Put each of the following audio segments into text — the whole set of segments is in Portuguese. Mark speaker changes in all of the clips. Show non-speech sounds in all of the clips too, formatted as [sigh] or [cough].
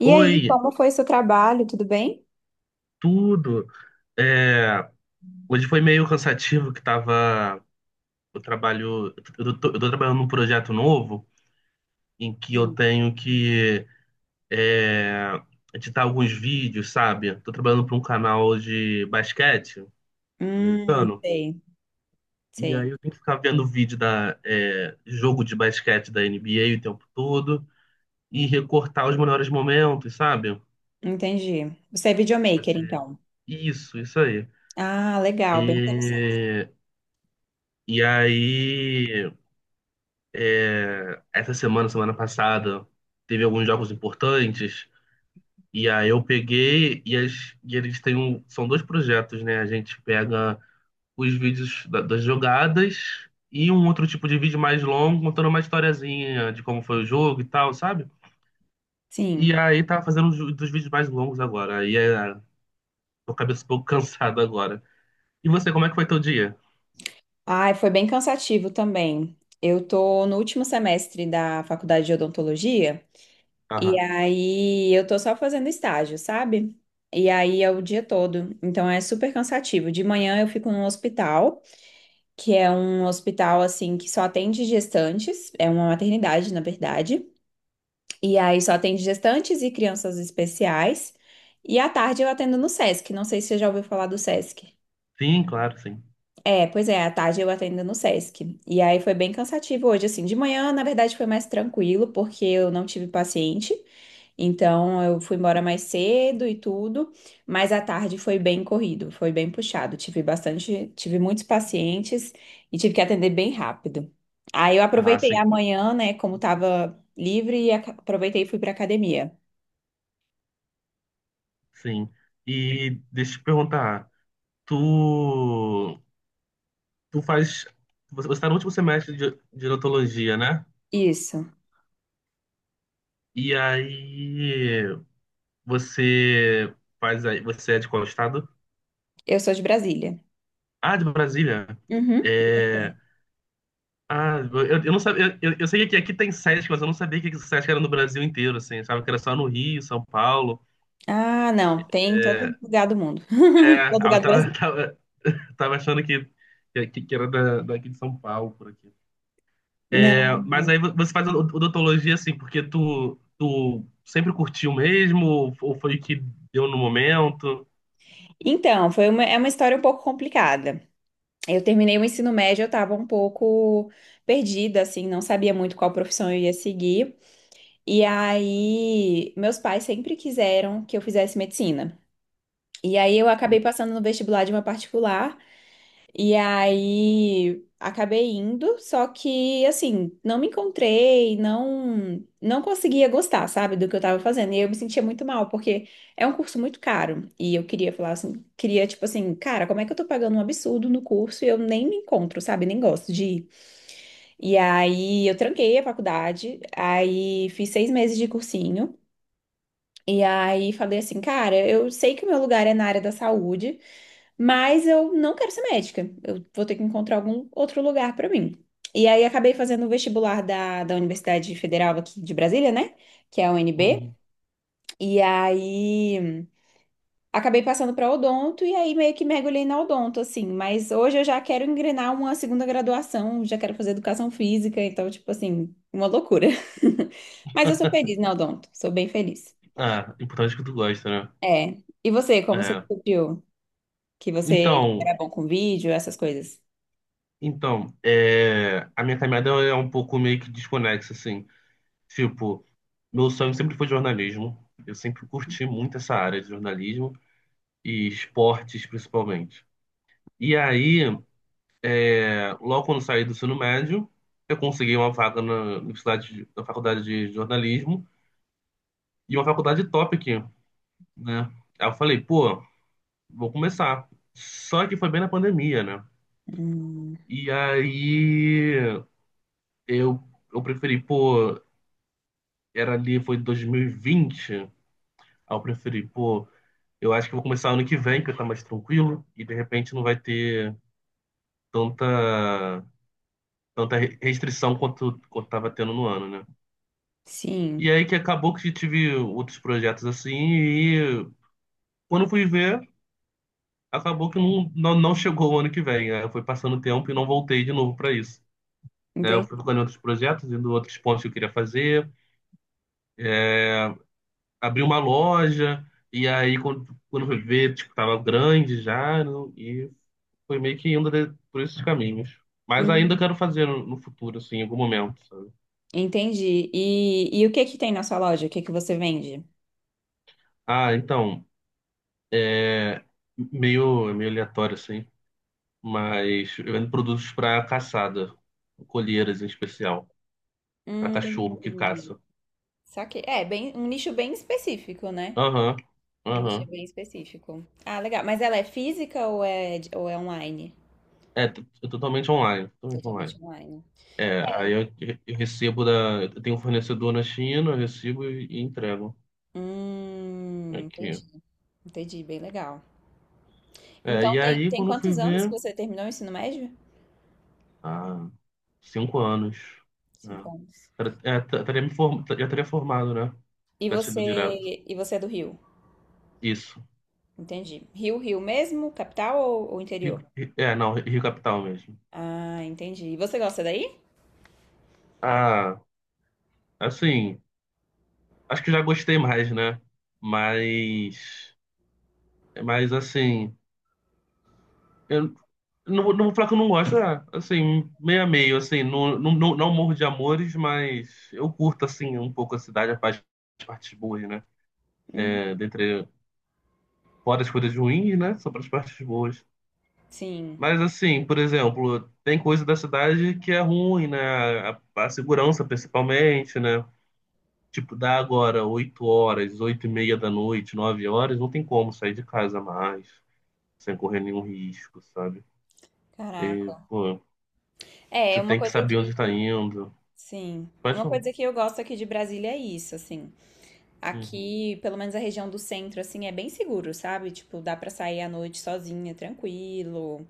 Speaker 1: E aí,
Speaker 2: Oi,
Speaker 1: como foi seu trabalho? Tudo bem?
Speaker 2: tudo. É, hoje foi meio cansativo que tava. Eu trabalho. Eu tô trabalhando num projeto novo em que eu
Speaker 1: Sim.
Speaker 2: tenho que é, editar alguns vídeos, sabe? Tô trabalhando para um canal de basquete americano.
Speaker 1: Sei,
Speaker 2: E aí
Speaker 1: sei.
Speaker 2: eu tenho que ficar vendo vídeo jogo de basquete da NBA o tempo todo e recortar os melhores momentos, sabe?
Speaker 1: Entendi. Você é videomaker,
Speaker 2: Fazer
Speaker 1: então.
Speaker 2: isso, isso aí.
Speaker 1: Ah, legal, bem interessante.
Speaker 2: E, e aí. É, essa semana, semana passada, teve alguns jogos importantes. E aí eu peguei e eles têm um, são dois projetos, né? A gente pega os vídeos das jogadas e um outro tipo de vídeo mais longo, contando uma historiazinha de como foi o jogo e tal, sabe?
Speaker 1: Sim.
Speaker 2: E aí tava fazendo dos vídeos mais longos agora. E aí, tô com a cabeça um pouco [laughs] cansada agora. E você, como é que foi teu dia?
Speaker 1: Ai, foi bem cansativo também. Eu tô no último semestre da faculdade de odontologia e
Speaker 2: Aham.
Speaker 1: aí eu tô só fazendo estágio, sabe? E aí é o dia todo. Então é super cansativo. De manhã eu fico num hospital, que é um hospital assim que só atende gestantes, é uma maternidade, na verdade. E aí só atende gestantes e crianças especiais. E à tarde eu atendo no Sesc. Não sei se você já ouviu falar do Sesc.
Speaker 2: Sim, claro, sim.
Speaker 1: É, pois é, à tarde eu atendo no Sesc. E aí foi bem cansativo hoje, assim. De manhã, na verdade, foi mais tranquilo, porque eu não tive paciente. Então eu fui embora mais cedo e tudo. Mas à tarde foi bem corrido, foi bem puxado. Tive bastante, tive muitos pacientes e tive que atender bem rápido. Aí eu
Speaker 2: Ah,
Speaker 1: aproveitei a
Speaker 2: sim,
Speaker 1: manhã, né, como tava livre, e aproveitei e fui pra academia.
Speaker 2: sim. E deixa eu te perguntar. tu, tu faz. Você está no último semestre de odontologia, né?
Speaker 1: Isso.
Speaker 2: E aí você faz aí. Você é de qual estado?
Speaker 1: Eu sou de Brasília.
Speaker 2: Ah, de Brasília.
Speaker 1: Uhum. E
Speaker 2: É.
Speaker 1: você?
Speaker 2: Ah, eu não sabia. Eu sei que aqui tem SESC, mas eu não sabia que o SESC era no Brasil inteiro, assim. Sabe que era só no Rio, São Paulo.
Speaker 1: Ah, não. Tem em todo um lugar do mundo. [laughs]
Speaker 2: É,
Speaker 1: Todo lugar
Speaker 2: eu
Speaker 1: do
Speaker 2: tava,
Speaker 1: Brasil.
Speaker 2: [laughs] tava achando que era daqui de São Paulo, por aqui. É,
Speaker 1: Não.
Speaker 2: mas aí você faz odontologia assim, porque tu sempre curtiu mesmo, ou foi o que deu no momento?
Speaker 1: Então, foi uma, é uma história um pouco complicada. Eu terminei o ensino médio, eu estava um pouco perdida, assim, não sabia muito qual profissão eu ia seguir. E aí, meus pais sempre quiseram que eu fizesse medicina. E aí, eu acabei passando no vestibular de uma particular. E aí acabei indo, só que assim, não me encontrei, não conseguia gostar, sabe, do que eu tava fazendo. E eu me sentia muito mal, porque é um curso muito caro. E eu queria falar assim, queria tipo assim, cara, como é que eu tô pagando um absurdo no curso e eu nem me encontro, sabe? Nem gosto de ir. E aí eu tranquei a faculdade, aí fiz 6 meses de cursinho. E aí falei assim, cara, eu sei que o meu lugar é na área da saúde. Mas eu não quero ser médica. Eu vou ter que encontrar algum outro lugar para mim. E aí acabei fazendo o vestibular da, da Universidade Federal aqui de Brasília, né? Que é a UNB.
Speaker 2: Uhum.
Speaker 1: E aí acabei passando para odonto e aí meio que mergulhei na odonto, assim. Mas hoje eu já quero engrenar uma segunda graduação, já quero fazer educação física, então, tipo assim, uma loucura. [laughs] Mas eu sou feliz na odonto, sou bem feliz.
Speaker 2: Ah, importante que tu gosta, né?
Speaker 1: É. E você, como você
Speaker 2: É.
Speaker 1: descobriu que você
Speaker 2: Então,
Speaker 1: era bom com vídeo, essas coisas?
Speaker 2: a minha caminhada é um pouco meio que desconexa, assim. Tipo, meu sonho sempre foi jornalismo. Eu sempre curti muito essa área de jornalismo e esportes, principalmente. E aí, logo quando saí do ensino médio, eu consegui uma vaga na universidade, na faculdade de jornalismo e uma faculdade top aqui, né? Aí eu falei, pô, vou começar. Só que foi bem na pandemia, né?
Speaker 1: Hum.
Speaker 2: E aí eu, eu preferi, pô, era ali, foi 2020. Aí eu preferi, pô, eu acho que vou começar ano que vem, que eu tá mais tranquilo e de repente não vai ter tanta, tanta restrição quanto tava tendo no ano, né? E
Speaker 1: Sim,
Speaker 2: aí que acabou que tive outros projetos assim, e quando fui ver, acabou que não, não, não chegou o ano que vem. Né? Foi passando o tempo e não voltei de novo para isso. Né? Eu fui
Speaker 1: entendi.
Speaker 2: ficando em outros projetos, indo em outros pontos que eu queria fazer, abri uma loja, e aí quando fui ver, tipo, tava grande já, e foi meio que por esses caminhos. Mas ainda
Speaker 1: Hum,
Speaker 2: quero fazer no futuro, assim, em algum momento, sabe?
Speaker 1: Entendi. E o que que tem na sua loja? O que que você vende?
Speaker 2: Ah, então, meio, meio aleatório, assim. Mas eu vendo produtos para caçada, colheiras em especial, para cachorro que
Speaker 1: Hum,
Speaker 2: caça.
Speaker 1: saquei. É, bem, um nicho bem específico, né?
Speaker 2: Aham,
Speaker 1: Um nicho
Speaker 2: aham.
Speaker 1: bem específico. Ah, legal. Mas ela é física ou é online?
Speaker 2: É, totalmente online, totalmente online.
Speaker 1: Totalmente online.
Speaker 2: É, aí eu recebo da. Eu tenho um fornecedor na China, eu recebo e entrego aqui.
Speaker 1: Entendi. Entendi, bem legal.
Speaker 2: É,
Speaker 1: Então,
Speaker 2: e
Speaker 1: tem,
Speaker 2: aí,
Speaker 1: tem
Speaker 2: quando eu fui
Speaker 1: quantos anos que
Speaker 2: ver,
Speaker 1: você terminou o ensino médio?
Speaker 2: há 5 anos,
Speaker 1: Cinco
Speaker 2: né?
Speaker 1: anos.
Speaker 2: Já teria formado, né?
Speaker 1: E
Speaker 2: Tivesse
Speaker 1: você,
Speaker 2: sido direto.
Speaker 1: e você é do Rio?
Speaker 2: Isso.
Speaker 1: Entendi. Rio, Rio mesmo? Capital ou interior?
Speaker 2: Rio- É, não, Rio Capital mesmo.
Speaker 1: Ah, entendi. E você gosta daí?
Speaker 2: Ah, assim. Acho que já gostei mais, né? Mas, mas, assim, eu não vou falar que eu não gosto, assim, meio a meio, assim, não, não, não, não morro de amores, mas eu curto, assim, um pouco a cidade, as partes boas, né? É,
Speaker 1: Uhum.
Speaker 2: fora as coisas ruins, né? Só para as partes boas.
Speaker 1: Sim.
Speaker 2: Mas, assim, por exemplo, tem coisa da cidade que é ruim, né? A segurança, principalmente, né? Tipo, dá agora 8h, 8h30 da noite, 9h, não tem como sair de casa mais, sem correr nenhum risco, sabe? E,
Speaker 1: Caraca.
Speaker 2: pô,
Speaker 1: É,
Speaker 2: você
Speaker 1: uma
Speaker 2: tem que
Speaker 1: coisa
Speaker 2: saber
Speaker 1: que.
Speaker 2: onde tá indo.
Speaker 1: Sim.
Speaker 2: Pode
Speaker 1: Uma
Speaker 2: falar.
Speaker 1: coisa que eu gosto aqui de Brasília é isso, assim.
Speaker 2: Uhum.
Speaker 1: Aqui, pelo menos a região do centro, assim, é bem seguro, sabe? Tipo, dá pra sair à noite sozinha, tranquilo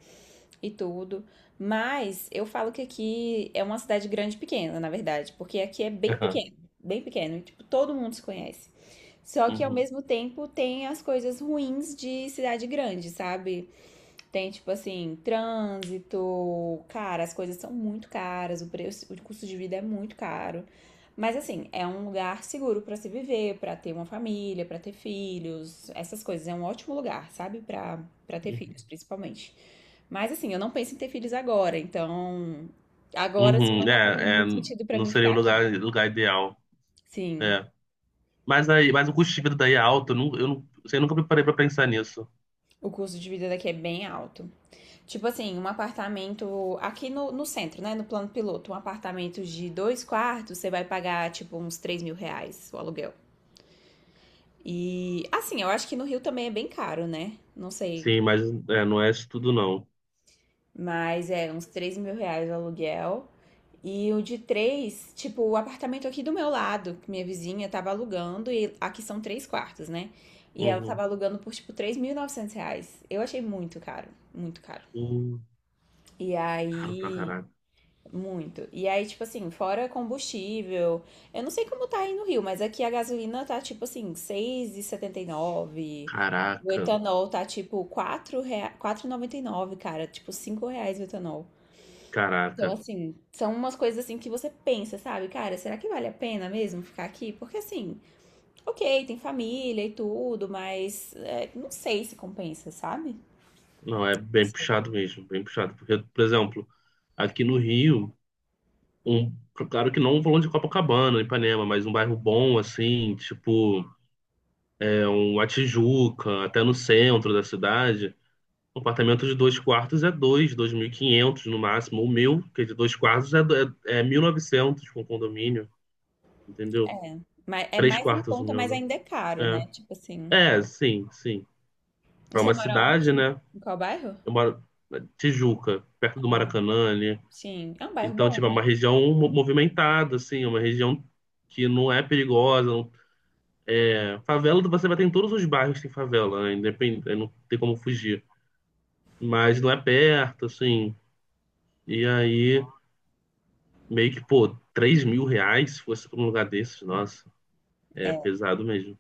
Speaker 1: e tudo. Mas eu falo que aqui é uma cidade grande e pequena, na verdade, porque aqui é
Speaker 2: [laughs] Aham.
Speaker 1: bem pequeno, e, tipo, todo mundo se conhece. Só que ao
Speaker 2: Uhum.
Speaker 1: mesmo tempo tem as coisas ruins de cidade grande, sabe? Tem, tipo assim, trânsito. Cara, as coisas são muito caras, o preço, o custo de vida é muito caro. Mas assim, é um lugar seguro pra se viver, pra ter uma família, pra ter filhos, essas coisas. É um ótimo lugar, sabe? Pra para ter filhos,
Speaker 2: Uhum.
Speaker 1: principalmente. Mas assim, eu não penso em ter filhos agora, então agora assim
Speaker 2: Uhum.
Speaker 1: não tá fazendo
Speaker 2: É, é,
Speaker 1: muito sentido pra
Speaker 2: não
Speaker 1: mim
Speaker 2: seria
Speaker 1: ficar
Speaker 2: o
Speaker 1: aqui.
Speaker 2: lugar ideal.
Speaker 1: Sim,
Speaker 2: É. Mas aí, mas o custo de vida daí é alto. Eu, assim, eu nunca me parei pra pensar nisso.
Speaker 1: o custo de vida daqui é bem alto. Tipo assim, um apartamento aqui no, no centro, né? No plano piloto, um apartamento de dois quartos, você vai pagar, tipo, uns R$ 3.000 o aluguel. E, assim, eu acho que no Rio também é bem caro, né? Não sei.
Speaker 2: Sim, mas é, não é isso tudo, não.
Speaker 1: Mas é uns R$ 3.000 o aluguel. E o de três, tipo, o apartamento aqui do meu lado, que minha vizinha tava alugando, e aqui são três quartos, né? E ela tava
Speaker 2: Uhum.
Speaker 1: alugando por, tipo, R$ 3.900. Eu achei muito caro, muito caro.
Speaker 2: Hum,
Speaker 1: E
Speaker 2: caro pra
Speaker 1: aí,
Speaker 2: caraca.
Speaker 1: muito. E aí, tipo assim, fora combustível. Eu não sei como tá aí no Rio, mas aqui a gasolina tá tipo assim, seis e setenta e nove. O
Speaker 2: Caraca.
Speaker 1: etanol tá tipo quatro e noventa e nove, cara. Tipo, R$ 5 o etanol. Então,
Speaker 2: Caraca.
Speaker 1: assim, são umas coisas assim que você pensa, sabe? Cara, será que vale a pena mesmo ficar aqui? Porque assim, ok, tem família e tudo, mas é, não sei se compensa, sabe?
Speaker 2: Não, é bem
Speaker 1: Sim.
Speaker 2: puxado mesmo, bem puxado. Porque, por exemplo, aqui no Rio. Um, claro que não um valão de Copacabana, Ipanema, mas um bairro bom, assim, tipo, uma Tijuca, até no centro da cidade. Um apartamento de dois quartos é 2.500 no máximo. O meu, que é de dois quartos, é 1.900 com condomínio, entendeu?
Speaker 1: Mas é
Speaker 2: Três
Speaker 1: mais em
Speaker 2: quartos o
Speaker 1: conta, mas
Speaker 2: meu,
Speaker 1: ainda é caro, né?
Speaker 2: né?
Speaker 1: Tipo assim.
Speaker 2: É, é sim, sim. Para
Speaker 1: Você
Speaker 2: uma
Speaker 1: mora
Speaker 2: cidade,
Speaker 1: onde?
Speaker 2: né?
Speaker 1: Em qual bairro?
Speaker 2: Eu moro na Tijuca, perto do Maracanã, né?
Speaker 1: Sim, é um bairro
Speaker 2: Então,
Speaker 1: bom,
Speaker 2: tipo, é uma
Speaker 1: né?
Speaker 2: região movimentada, assim, é uma região que não é perigosa. Favela, você vai ter em todos os bairros que tem favela, né? Independente, não tem como fugir. Mas não é perto, assim. E aí, meio que, pô, 3.000 reais se fosse pra um lugar desses, nossa, é
Speaker 1: É,
Speaker 2: pesado mesmo.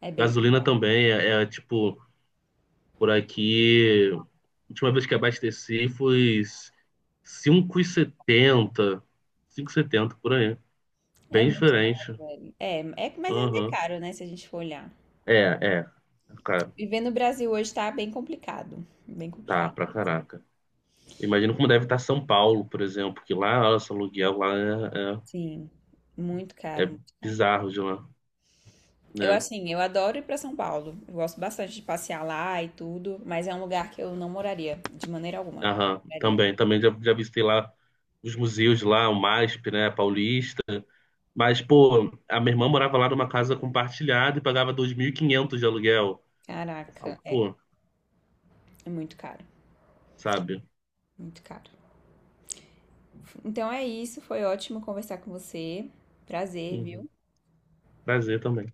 Speaker 1: é bem,
Speaker 2: Gasolina também tipo, por aqui, a última vez que abasteci foi 5,70, 5,70 por aí.
Speaker 1: é
Speaker 2: Bem
Speaker 1: muito caro,
Speaker 2: diferente.
Speaker 1: velho. É, é, mas ainda é
Speaker 2: Aham.
Speaker 1: caro, né, se a gente for olhar.
Speaker 2: É, é. Cara,
Speaker 1: Viver no Brasil hoje tá bem
Speaker 2: tá,
Speaker 1: complicado
Speaker 2: pra
Speaker 1: mesmo.
Speaker 2: caraca. Imagino como deve estar São Paulo, por exemplo, que lá, nossa, o aluguel lá
Speaker 1: Sim, muito
Speaker 2: é, é-
Speaker 1: caro,
Speaker 2: é
Speaker 1: muito caro.
Speaker 2: bizarro de lá,
Speaker 1: Eu
Speaker 2: né?
Speaker 1: assim, eu adoro ir pra São Paulo. Eu gosto bastante de passear lá e tudo, mas é um lugar que eu não moraria de maneira alguma.
Speaker 2: Aham,
Speaker 1: Moraria.
Speaker 2: também, também já, já visitei lá os museus de lá, o MASP, né, Paulista. Mas, pô, a minha irmã morava lá numa casa compartilhada e pagava 2.500 de aluguel. Eu falo,
Speaker 1: Caraca, é,
Speaker 2: pô,
Speaker 1: é muito caro,
Speaker 2: sabe?
Speaker 1: muito caro. Então é isso, foi ótimo conversar com você. Prazer,
Speaker 2: Uhum,
Speaker 1: viu?
Speaker 2: prazer também.